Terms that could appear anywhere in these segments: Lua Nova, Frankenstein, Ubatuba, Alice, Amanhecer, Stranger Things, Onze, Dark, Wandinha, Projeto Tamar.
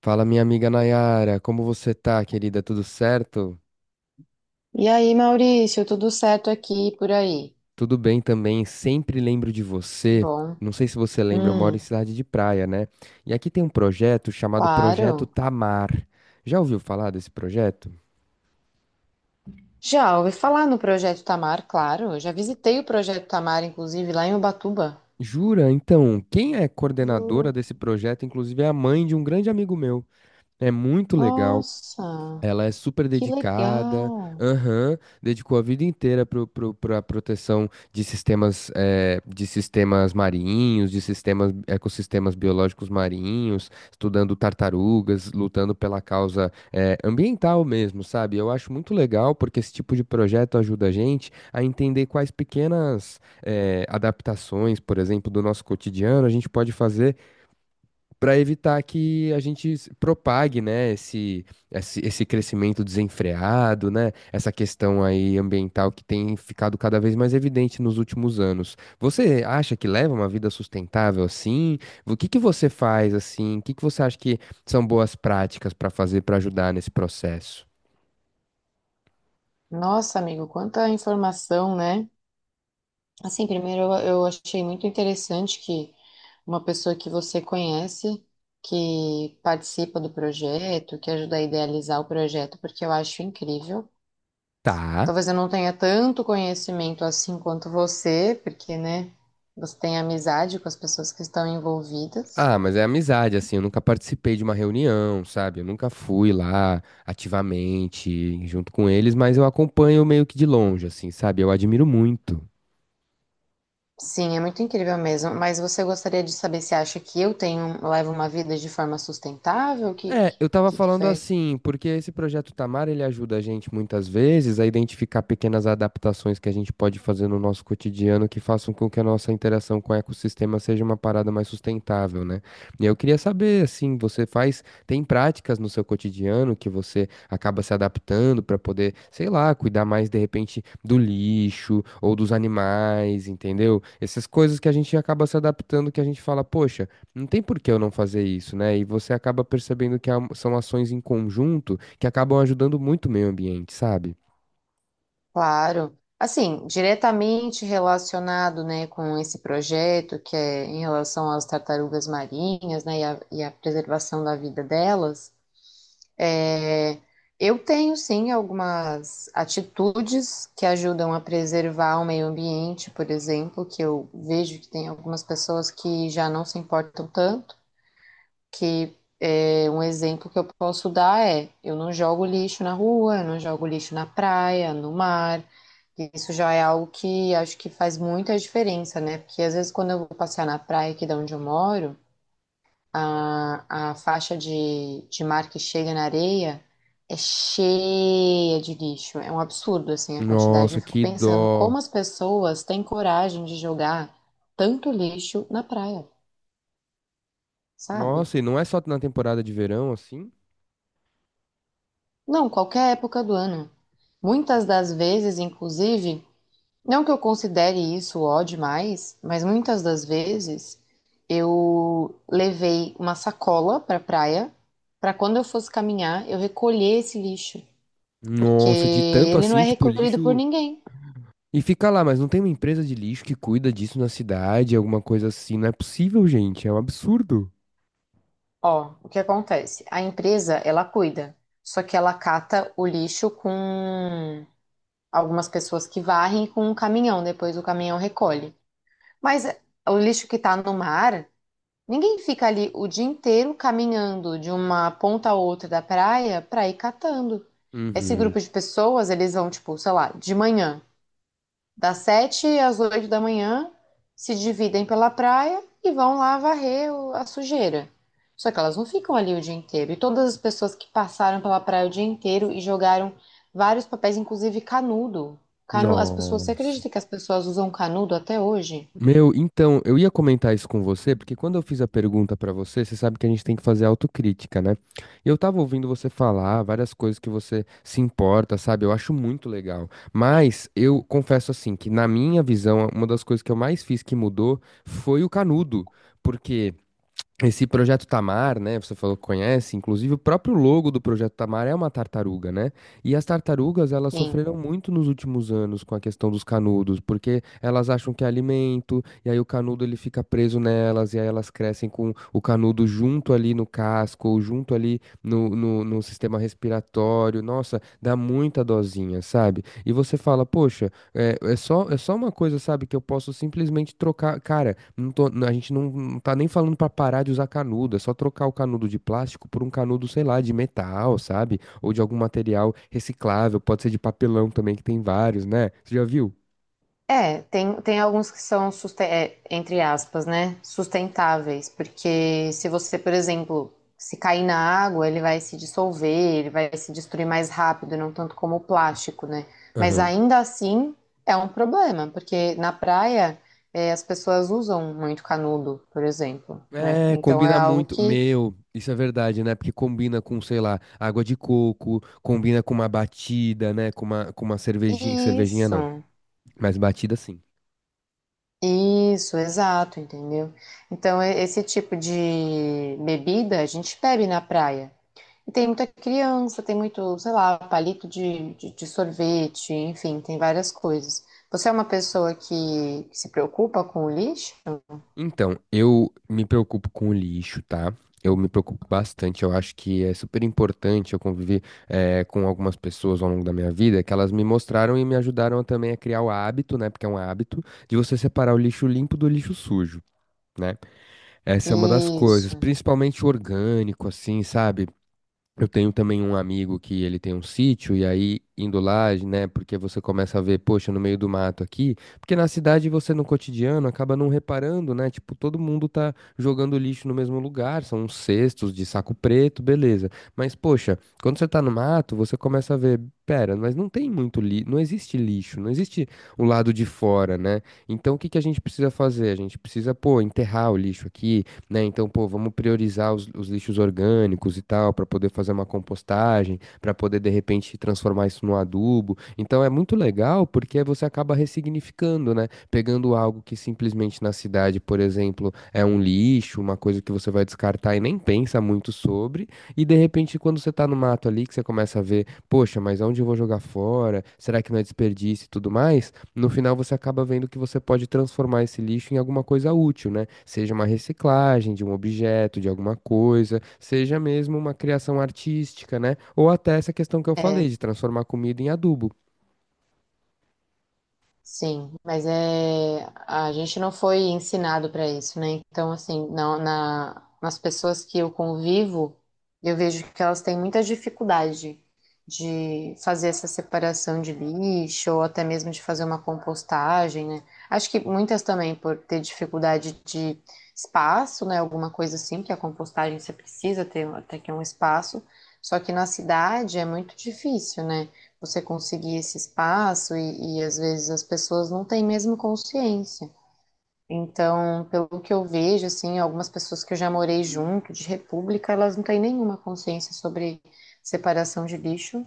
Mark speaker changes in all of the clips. Speaker 1: Fala, minha amiga Nayara, como você tá, querida? Tudo certo?
Speaker 2: E aí, Maurício, tudo certo aqui e por aí?
Speaker 1: Tudo bem também, sempre lembro de
Speaker 2: Que
Speaker 1: você.
Speaker 2: bom.
Speaker 1: Não sei se você lembra, eu moro em
Speaker 2: Hum,
Speaker 1: cidade de praia, né? E aqui tem um projeto chamado Projeto
Speaker 2: claro.
Speaker 1: Tamar. Já ouviu falar desse projeto?
Speaker 2: Já ouvi falar no Projeto Tamar, claro. Eu já visitei o Projeto Tamar, inclusive, lá em Ubatuba.
Speaker 1: Jura? Então, quem é coordenadora
Speaker 2: Juro.
Speaker 1: desse projeto, inclusive, é a mãe de um grande amigo meu. É muito legal.
Speaker 2: Nossa,
Speaker 1: Ela é super
Speaker 2: que
Speaker 1: dedicada,
Speaker 2: legal.
Speaker 1: aham, dedicou a vida inteira para a proteção de sistemas, de sistemas marinhos, de sistemas, ecossistemas biológicos marinhos, estudando tartarugas, lutando pela causa, ambiental mesmo, sabe? Eu acho muito legal porque esse tipo de projeto ajuda a gente a entender quais pequenas, adaptações, por exemplo, do nosso cotidiano a gente pode fazer para evitar que a gente se propague, né, esse crescimento desenfreado, né, essa questão aí ambiental que tem ficado cada vez mais evidente nos últimos anos. Você acha que leva uma vida sustentável assim? O que você faz assim? O que você acha que são boas práticas para fazer para ajudar nesse processo?
Speaker 2: Nossa, amigo, quanta informação, né? Assim, primeiro eu achei muito interessante que uma pessoa que você conhece, que participa do projeto, que ajuda a idealizar o projeto, porque eu acho incrível.
Speaker 1: Tá.
Speaker 2: Talvez eu não tenha tanto conhecimento assim quanto você, porque, né, você tem amizade com as pessoas que estão envolvidas.
Speaker 1: Ah, mas é amizade, assim, eu nunca participei de uma reunião, sabe? Eu nunca fui lá ativamente junto com eles, mas eu acompanho meio que de longe, assim, sabe? Eu admiro muito.
Speaker 2: Sim, é muito incrível mesmo. Mas você gostaria de saber se acha que eu tenho, levo uma vida de forma sustentável? Que
Speaker 1: É, eu tava
Speaker 2: que, que
Speaker 1: falando
Speaker 2: foi?
Speaker 1: assim, porque esse projeto Tamar, ele ajuda a gente muitas vezes a identificar pequenas adaptações que a gente pode fazer no nosso cotidiano que façam com que a nossa interação com o ecossistema seja uma parada mais sustentável, né? E eu queria saber, assim, você faz, tem práticas no seu cotidiano que você acaba se adaptando pra poder, sei lá, cuidar mais de repente do lixo ou dos animais, entendeu? Essas coisas que a gente acaba se adaptando que a gente fala, poxa, não tem por que eu não fazer isso, né? E você acaba percebendo que são ações em conjunto que acabam ajudando muito o meio ambiente, sabe?
Speaker 2: Claro. Assim, diretamente relacionado, né, com esse projeto, que é em relação às tartarugas marinhas, né, e a preservação da vida delas. É, eu tenho sim algumas atitudes que ajudam a preservar o meio ambiente, por exemplo, que eu vejo que tem algumas pessoas que já não se importam tanto, que é, um exemplo que eu posso dar é eu não jogo lixo na rua, eu não jogo lixo na praia, no mar. Isso já é algo que acho que faz muita diferença, né? Porque às vezes quando eu vou passear na praia aqui de onde eu moro, a faixa de mar que chega na areia é cheia de lixo. É um absurdo, assim, a quantidade.
Speaker 1: Nossa,
Speaker 2: Eu fico
Speaker 1: que
Speaker 2: pensando como
Speaker 1: dó.
Speaker 2: as pessoas têm coragem de jogar tanto lixo na praia, sabe?
Speaker 1: Nossa, e não é só na temporada de verão assim?
Speaker 2: Não, qualquer época do ano. Muitas das vezes, inclusive, não que eu considere isso ó demais, mas muitas das vezes eu levei uma sacola para praia para quando eu fosse caminhar eu recolher esse lixo, porque
Speaker 1: Nossa, de tanto
Speaker 2: ele não é
Speaker 1: assim, tipo,
Speaker 2: recolhido por
Speaker 1: lixo.
Speaker 2: ninguém.
Speaker 1: E fica lá, mas não tem uma empresa de lixo que cuida disso na cidade, alguma coisa assim. Não é possível, gente. É um absurdo.
Speaker 2: Ó, o que acontece? A empresa, ela cuida, só que ela cata o lixo com algumas pessoas que varrem e com um caminhão, depois o caminhão recolhe. Mas o lixo que tá no mar, ninguém fica ali o dia inteiro caminhando de uma ponta a outra da praia pra ir catando. Esse
Speaker 1: Uhum.
Speaker 2: grupo de pessoas, eles vão, tipo, sei lá, de manhã. Das sete às oito da manhã, se dividem pela praia e vão lá varrer a sujeira. Só que elas não ficam ali o dia inteiro. E todas as pessoas que passaram pela praia o dia inteiro e jogaram vários papéis, inclusive canudo. As pessoas, você
Speaker 1: Nossa.
Speaker 2: acredita que as pessoas usam canudo até hoje?
Speaker 1: Meu, então, eu ia comentar isso com você, porque quando eu fiz a pergunta pra você, você sabe que a gente tem que fazer autocrítica, né? E eu tava ouvindo você falar várias coisas que você se importa, sabe? Eu acho muito legal. Mas eu confesso assim que na minha visão, uma das coisas que eu mais fiz que mudou foi o canudo, porque esse Projeto Tamar, né? Você falou que conhece, inclusive o próprio logo do Projeto Tamar é uma tartaruga, né? E as tartarugas, elas
Speaker 2: Sim.
Speaker 1: sofreram muito nos últimos anos com a questão dos canudos, porque elas acham que é alimento, e aí o canudo ele fica preso nelas, e aí elas crescem com o canudo junto ali no casco, ou junto ali no sistema respiratório. Nossa, dá muita dosinha, sabe? E você fala, poxa. É só uma coisa, sabe, que eu posso simplesmente trocar. Cara, a gente não tá nem falando pra parar de usar canudo, é só trocar o canudo de plástico por um canudo, sei lá, de metal, sabe? Ou de algum material reciclável, pode ser de papelão também, que tem vários, né? Você já viu?
Speaker 2: É, tem, tem alguns que são, é, entre aspas, né, sustentáveis, porque se você, por exemplo, se cair na água, ele vai se dissolver, ele vai se destruir mais rápido, não tanto como o plástico, né? Mas
Speaker 1: Aham.
Speaker 2: ainda assim é um problema, porque na praia, é, as pessoas usam muito canudo, por exemplo, né?
Speaker 1: É,
Speaker 2: Então é
Speaker 1: combina
Speaker 2: algo
Speaker 1: muito.
Speaker 2: que.
Speaker 1: Meu, isso é verdade, né? Porque combina com, sei lá, água de coco, combina com uma batida, né? Com uma cervejinha. Cervejinha não,
Speaker 2: Isso,
Speaker 1: mas batida sim.
Speaker 2: isso, exato, entendeu? Então, esse tipo de bebida a gente bebe na praia. E tem muita criança, tem muito, sei lá, palito de sorvete, enfim, tem várias coisas. Você é uma pessoa que se preocupa com o lixo?
Speaker 1: Então, eu me preocupo com o lixo, tá? Eu me preocupo bastante. Eu acho que é super importante eu convivi com algumas pessoas ao longo da minha vida que elas me mostraram e me ajudaram também a criar o hábito, né? Porque é um hábito de você separar o lixo limpo do lixo sujo, né? Essa é uma das coisas,
Speaker 2: Isso,
Speaker 1: principalmente orgânico, assim, sabe? Eu tenho também um amigo que ele tem um sítio, e aí indo lá, né? Porque você começa a ver, poxa, no meio do mato aqui. Porque na cidade você no cotidiano acaba não reparando, né? Tipo, todo mundo tá jogando lixo no mesmo lugar, são uns cestos de saco preto, beleza. Mas, poxa, quando você tá no mato, você começa a ver, pera, mas não tem muito lixo, não existe o lado de fora, né? Então o que a gente precisa fazer? A gente precisa, pô, enterrar o lixo aqui, né? Então, pô, vamos priorizar os lixos orgânicos e tal, para poder fazer uma compostagem, para poder de repente transformar isso num adubo. Então, é muito legal porque você acaba ressignificando, né? Pegando algo que simplesmente na cidade, por exemplo, é um lixo, uma coisa que você vai descartar e nem pensa muito sobre, e de repente quando você tá no mato ali que você começa a ver, poxa, mas aonde eu vou jogar fora? Será que não é desperdício e tudo mais? No final você acaba vendo que você pode transformar esse lixo em alguma coisa útil, né? Seja uma reciclagem de um objeto, de alguma coisa, seja mesmo uma criação artística, né? Ou até essa questão que eu falei
Speaker 2: é.
Speaker 1: de transformar comida em adubo.
Speaker 2: Sim, mas é a gente não foi ensinado para isso, né? Então, assim, nas pessoas que eu convivo, eu vejo que elas têm muita dificuldade de fazer essa separação de lixo ou até mesmo de fazer uma compostagem, né? Acho que muitas também por ter dificuldade de espaço, né? Alguma coisa assim, que a compostagem você precisa ter até que um espaço. Só que na cidade é muito difícil, né, você conseguir esse espaço e às vezes as pessoas não têm mesmo consciência. Então, pelo que eu vejo, assim, algumas pessoas que eu já morei junto de república, elas não têm nenhuma consciência sobre separação de lixo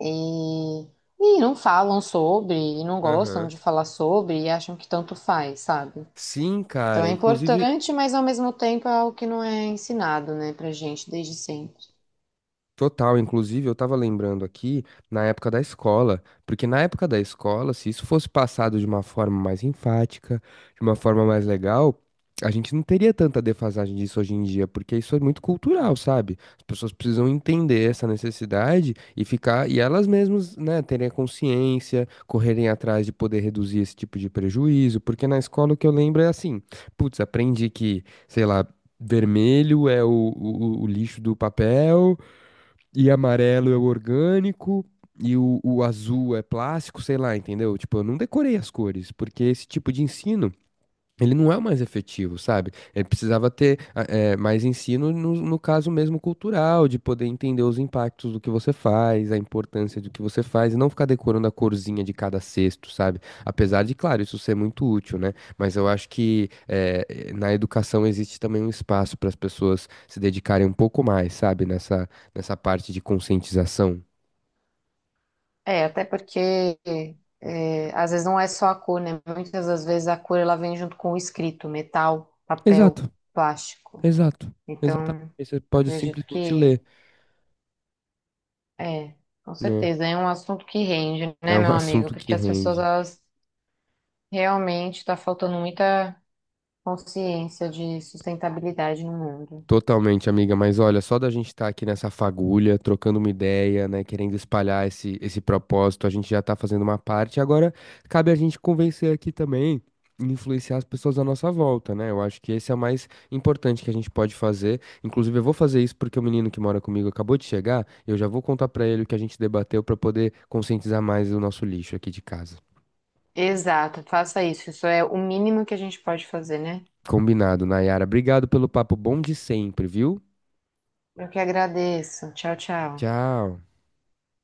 Speaker 2: e, e não falam sobre, e não gostam
Speaker 1: Aham.
Speaker 2: de falar sobre e acham que tanto faz, sabe?
Speaker 1: Sim,
Speaker 2: Então
Speaker 1: cara.
Speaker 2: é
Speaker 1: Inclusive,
Speaker 2: importante, mas ao mesmo tempo é algo que não é ensinado, né, pra gente desde sempre.
Speaker 1: total, inclusive eu tava lembrando aqui na época da escola, porque na época da escola, se isso fosse passado de uma forma mais enfática, de uma forma mais legal, a gente não teria tanta defasagem disso hoje em dia, porque isso é muito cultural, sabe? As pessoas precisam entender essa necessidade e ficar, e elas mesmas, né, terem a consciência, correrem atrás de poder reduzir esse tipo de prejuízo, porque na escola o que eu lembro é assim, putz, aprendi que, sei lá, vermelho é o lixo do papel, e amarelo é o orgânico, e o azul é plástico, sei lá, entendeu? Tipo, eu não decorei as cores, porque esse tipo de ensino. Ele não é o mais efetivo, sabe? Ele precisava ter mais ensino no caso mesmo cultural, de poder entender os impactos do que você faz, a importância do que você faz, e não ficar decorando a corzinha de cada cesto, sabe? Apesar de, claro, isso ser muito útil, né? Mas eu acho que na educação existe também um espaço para as pessoas se dedicarem um pouco mais, sabe? Nessa parte de conscientização.
Speaker 2: É, até porque é, às vezes não é só a cor, né? Muitas das vezes a cor ela vem junto com o escrito, metal, papel,
Speaker 1: Exato,
Speaker 2: plástico.
Speaker 1: exato, exatamente.
Speaker 2: Então,
Speaker 1: Você pode
Speaker 2: acredito
Speaker 1: simplesmente
Speaker 2: que
Speaker 1: ler,
Speaker 2: é, com
Speaker 1: né?
Speaker 2: certeza, é um assunto que rende,
Speaker 1: É
Speaker 2: né,
Speaker 1: um
Speaker 2: meu amigo?
Speaker 1: assunto que
Speaker 2: Porque as pessoas
Speaker 1: rende.
Speaker 2: elas realmente está faltando muita consciência de sustentabilidade no mundo.
Speaker 1: Totalmente, amiga, mas olha, só da gente estar aqui nessa fagulha, trocando uma ideia, né, querendo espalhar esse propósito, a gente já tá fazendo uma parte, agora cabe a gente convencer aqui também, e influenciar as pessoas à nossa volta, né? Eu acho que esse é o mais importante que a gente pode fazer. Inclusive, eu vou fazer isso porque o menino que mora comigo acabou de chegar, eu já vou contar pra ele o que a gente debateu pra poder conscientizar mais o nosso lixo aqui de casa.
Speaker 2: Exato, faça isso. Isso é o mínimo que a gente pode fazer, né?
Speaker 1: Combinado, Nayara. Obrigado pelo papo bom de sempre, viu?
Speaker 2: Eu que agradeço. Tchau, tchau.
Speaker 1: Tchau.